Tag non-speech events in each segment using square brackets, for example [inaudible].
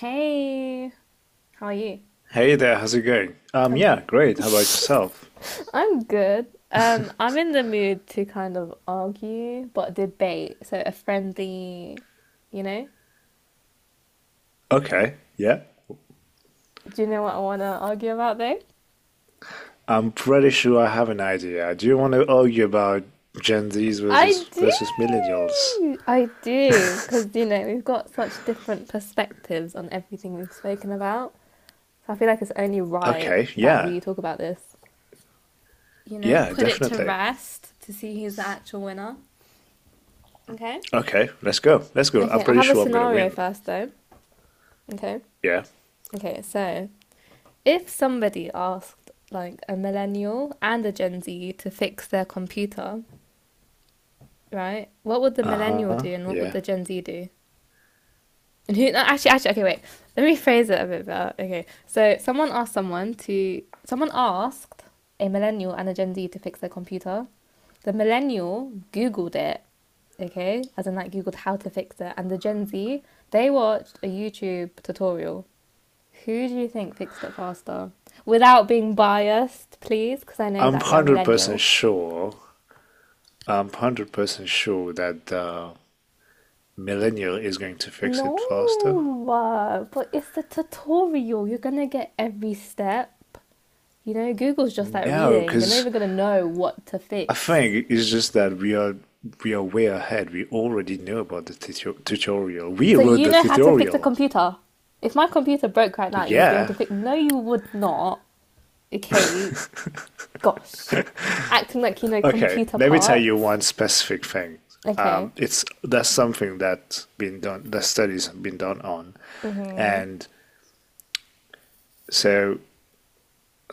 Hey, how are you? Hey there, how's it going? Um, Yeah, great. How about yourself? I'm good. I'm in the mood to kind of argue, but debate. So a friendly, you know. Okay, yeah. Do you know what I want to argue about though? I'm pretty sure I have an idea. Do you want to argue about Gen Zs I versus do. versus millennials? I do, because you know we've got such different perspectives on everything we've spoken about. So I feel like it's only right Okay, that yeah. we talk about this. You know, Yeah, put it to definitely. rest to see who's the actual winner. Okay? Okay, let's go. Let's go. I'm Okay, I pretty have a sure I'm gonna scenario win. first though. Okay. Yeah. Okay, so if somebody asked like a millennial and a Gen Z to fix their computer, right? What would the millennial Uh-huh. do and what would Yeah. the Gen Z do? And who? No, actually, okay, wait. Let me phrase it a bit better. Okay, so someone asked someone to. Someone asked a millennial and a Gen Z to fix their computer. The millennial Googled it, okay, as in like Googled how to fix it, and the Gen Z they watched a YouTube tutorial. Who do you think fixed it faster? Without being biased, please, because I know I'm that you're a 100% millennial. sure. I'm 100% sure that the millennial is going to fix it faster. No, but it's the tutorial. You're gonna get every step. You know, Google's just like No, reading. You're not because even going to know what to I fix. think it's just that we are way ahead. We already know about the tutorial. We So wrote you the know how to fix a tutorial. computer. If my computer broke right now, you'd be able to Yeah. fix. No, you would not. Okay, gosh, acting like you know Okay. computer Let me tell you parts. one specific thing. Okay. It's That's something that's been done. The studies have been done on, Mhm. and so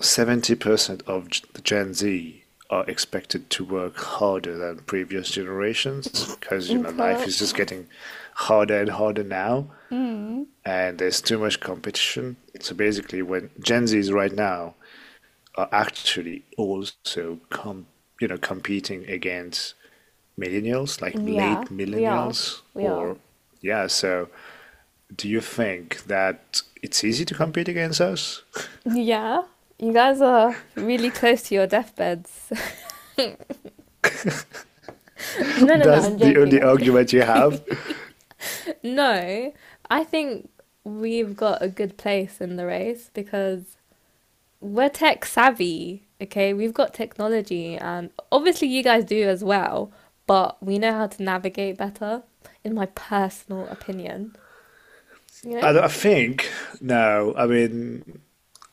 70% of the Gen Z are expected to work harder than previous generations because you know Okay. life is just [laughs] getting harder and harder now. Mm. And there's too much competition. So basically, when Gen Zs right now are actually also you know competing against millennials, like late Yeah, we are. millennials, We are. or yeah. So do you think that it's easy to compete against us? Yeah. You guys are really close to your deathbeds. [laughs] [laughs] no, no, no. That's I'm the joking. only I'm joking. argument you have. No, I think we've got a good place in the race because we're tech savvy, okay? We've got technology, and obviously, you guys do as well, but we know how to navigate better, in my personal opinion. You I, know? don't- I think no. I mean,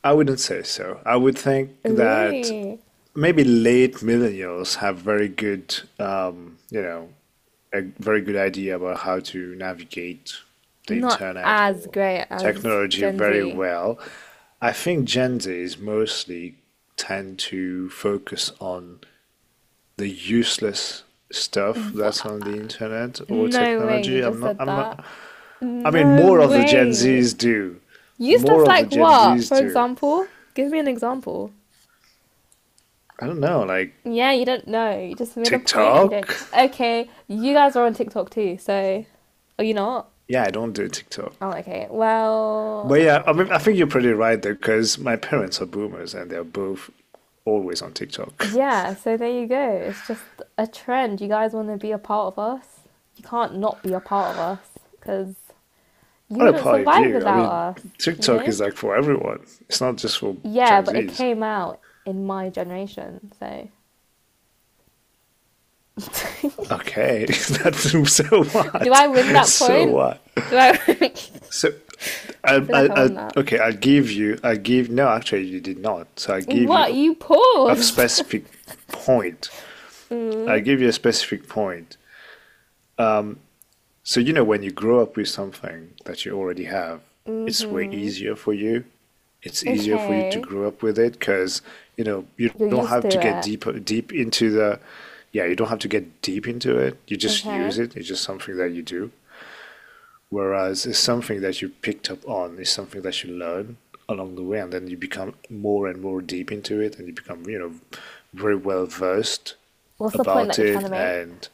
I wouldn't say so. I would think that Really? maybe late millennials have very good, you know, a very good idea about how to navigate the Not internet as or great as technology Gen very Z. well. I think Gen Zs mostly tend to focus on the useless stuff that's Wha- on the internet or No way you technology. Just said I'm that. not, I mean, more No of the Gen way. Zs do. More Useless of the like Gen what? Zs For do. example? Give me an example. I don't know, like Yeah, you don't know. You just made a point and you TikTok? don't. Okay, you guys are on TikTok too, so are you not? Yeah, I don't do Oh, TikTok. okay. Well, But yeah, I mean, I think you're pretty right there because my parents are boomers and they're both always on TikTok. [laughs] yeah, so there you go. It's just a trend. You guys want to be a part of us? You can't not be a part of us because you What a wouldn't party survive view. I without mean, us, you TikTok know? is like for everyone. It's not just for Yeah, Gen but it Zs. came out in my generation, so. Okay, [laughs] that's so Do what? I win [laughs] that So point? what? Do I? [laughs] So I, I feel like I, I I, won that. okay, I'll give you, I give, no, actually, you did not. So I give What? you You a paused? specific point. [laughs] I mm. give you a specific point. So, you know, when you grow up with something that you already have, it's way Mm-hmm. easier for you. It's easier for you to Okay. grow up with it because, you know, you You're don't used to have to get it. deep into the, yeah, you don't have to get deep into it. You just use Okay. it. It's just something that you do. Whereas it's something that you picked up on, it's something that you learn along the way, and then you become more and more deep into it, and you become, you know, very well versed What's the point that about you're trying to it, make? and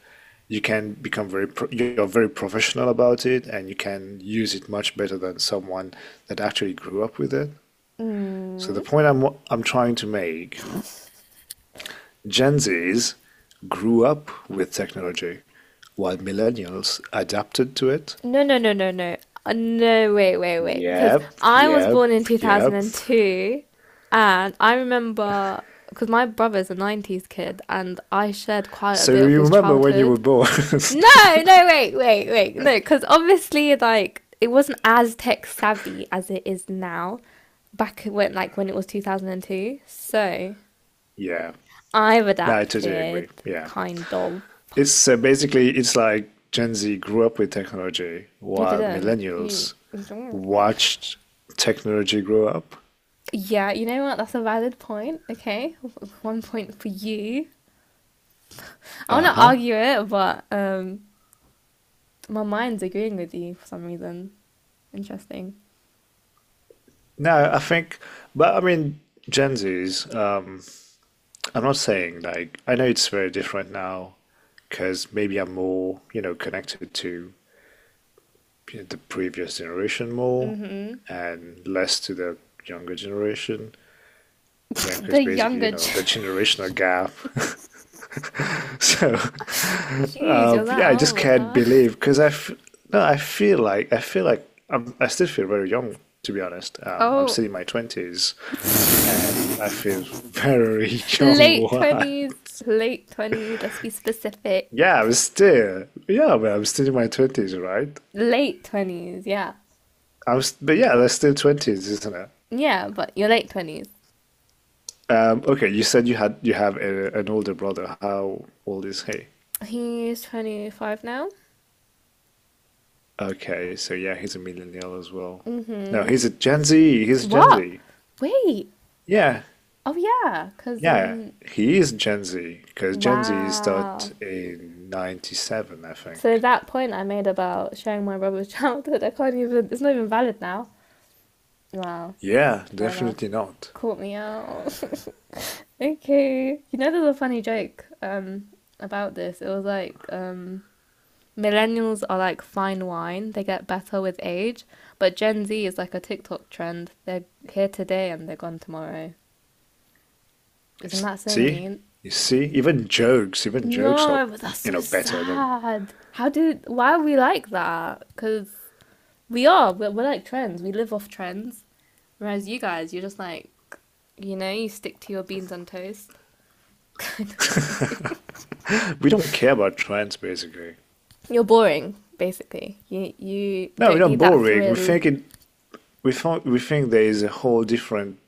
you can become very, you're very professional about it, and you can use it much better than someone that actually grew up with it. So Mm. the point I'm trying to make, Gen Zs grew up with technology, while millennials adapted to it. No, no, no, no, no. No, wait. Because Yep, I was yep, born in yep. 2002, and two, and I remember because my brother's a 90s kid, and I shared quite a So bit of you his remember when you were childhood. born? No, no, [laughs] wait. No, because obviously, like, it wasn't as tech savvy as it is now back when, like, when it was 2002. So, Yeah. I've No, I totally adapted, agree. Yeah. kind of. It's Basically it's like Gen Z grew up with technology You while didn't. You. millennials watched technology grow up. Yeah, you know what? That's a valid point. Okay, one point for you. I want to Uh-huh. argue it, but my mind's agreeing with you for some reason. Interesting. No, I think, but I mean, Gen Zs, I'm not saying like, I know it's very different now because maybe I'm more, you know, connected to the previous generation more Mm-hmm. and less to the younger generation. Yeah, because The basically, you younger. [laughs] know, the gen- generational gap. [laughs] so, Jeez, uh, you're yeah, that I just old, can't huh? believe because I, f- no, I still feel very young to be honest. I'm Oh, still in my twenties and I feel very young. late [laughs] What? twenties, late twenties. Let's be specific. Yeah, but I'm still in my twenties, right? Late twenties, yeah, I'm, s- but Yeah, that's still twenties, isn't it? yeah. But you're late twenties. Okay, you said you had you have an older brother. How old is he? He's 25 now. Okay, so yeah, he's a millennial as well. No, Mm-hmm. he's a Gen Z. He's a Gen What? Z. Wait. Yeah, Oh yeah. Cause yeah, he is Gen Z because Gen Z wow. started in '97, I So think. that point I made about sharing my brother's [laughs] childhood, I can't even it's not even valid now. Wow. Yeah, Fair enough. definitely not. Caught me out. [laughs] Okay. You know there's a funny joke about this. It was like millennials are like fine wine. They get better with age, but Gen Z is like a TikTok trend. They're here today and they're gone tomorrow. Isn't that so See, mean? you see, even jokes are, No, but that's you so know, better than sad. How do why are we like that? Because we are we're like trends. We live off trends, whereas you guys, you're just like, you know, you stick to your beans on toast. [laughs] we don't care about trends basically. You're boring, basically. You No, we're don't not need that boring. We thrill. think it. We think there is a whole different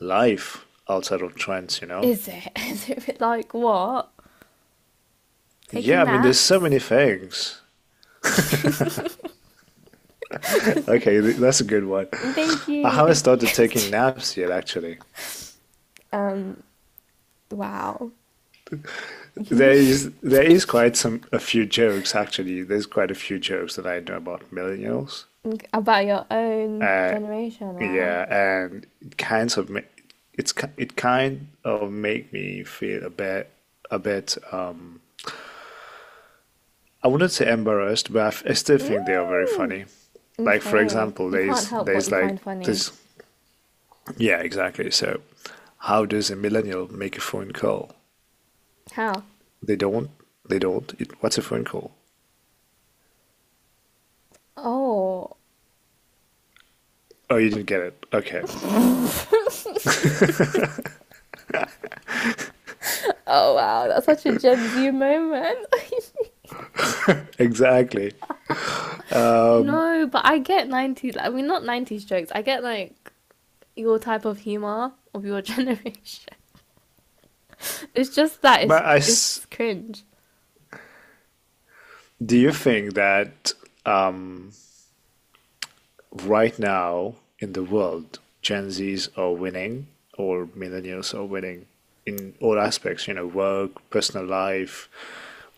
life outside of trends, you know? Is it? [laughs] Is it like what? Taking Yeah, I mean, there's so naps. many things. Okay, that's a good one. Thank [laughs] I you, haven't thank you. started taking naps yet, actually. [laughs] um, wow. You need to There is quite some A few jokes actually. There's quite a few jokes that I know about millennials. think about your own Uh, generation. Wow. yeah, and it kind of make me feel a bit. I wouldn't say embarrassed, but I still think they are very Hmm. funny. Like for Okay. example, You can't help what there's you like find funny. this Yeah, exactly. So, how does a millennial make a phone call? How? They don't. They don't. It, what's a phone call? Oh. Oh, you didn't get it. Okay, Oh wow, that's such a Gen Z moment. [laughs] exactly. No, but I get 90s, I mean not 90s jokes. I get like your type of humor of your [laughs] generation. It's just that But I s- it's cringe. do you think that um, right now in the world, Gen Zs are winning or millennials are winning in all aspects? You know, work, personal life,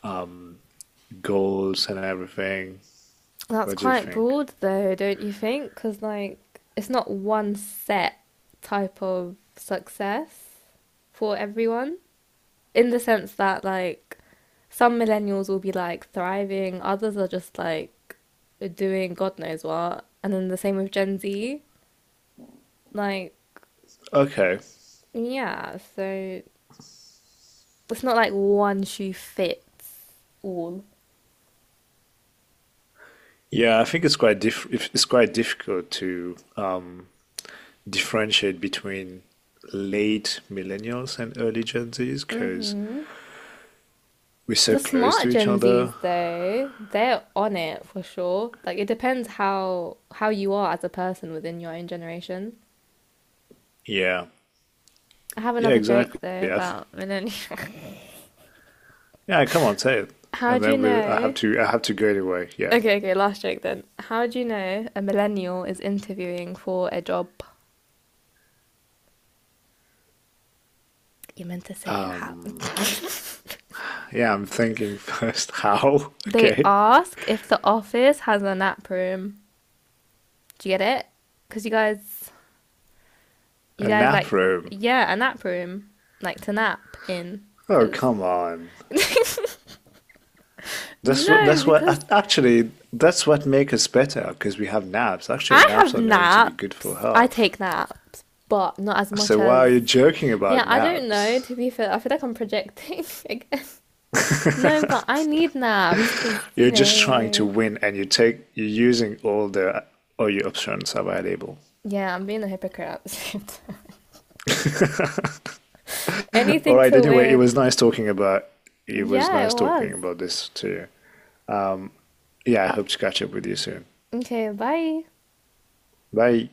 um, goals, and everything. That's What do you quite think? broad though, don't you think? Because like it's not one set type of success for everyone. In the sense that like some millennials will be like thriving, others are just like doing God knows what, and then the same with Gen Z. Like, Okay, yeah, so it's not like one shoe fits all. yeah, I think it's quite diff if- it's quite difficult to differentiate between late millennials and early Gen Zs because Hmm. we're so The close to smart each Gen Zs other. though, they're on it for sure. Like it depends how you are as a person within your own generation. Yeah, I have yeah, another joke exactly. though Yeah, th- about millennials. yeah. Come on, say it, [laughs] how and do you then we'll. Know I have to go anyway. Yeah, Okay, okay, last joke then. How do you know a millennial is interviewing for a job? You meant to say it how. [laughs] yeah. I'm thinking first. [laughs] How? They Okay, ask if the office has a nap room. Do you get it? Because you a guys like, nap room. yeah, a nap room. Like to nap in. Oh, Because, come on. No, because Actually, that's what makes us better because we have naps. Actually, I naps have are known to be good for naps. I health. take naps, but not as much So why are as. you joking about Yeah, I don't know, naps? to be fair. I feel like I'm projecting [laughs] again. No, but I need naps because, you You're just trying to know, win and you're using all your options available. Yeah, I'm being a hypocrite at the same time. [laughs] Anything Alright, to anyway, win. It was Yeah, it nice talking was. about this to you. Yeah, I hope to catch up with you soon. Okay, bye. Bye.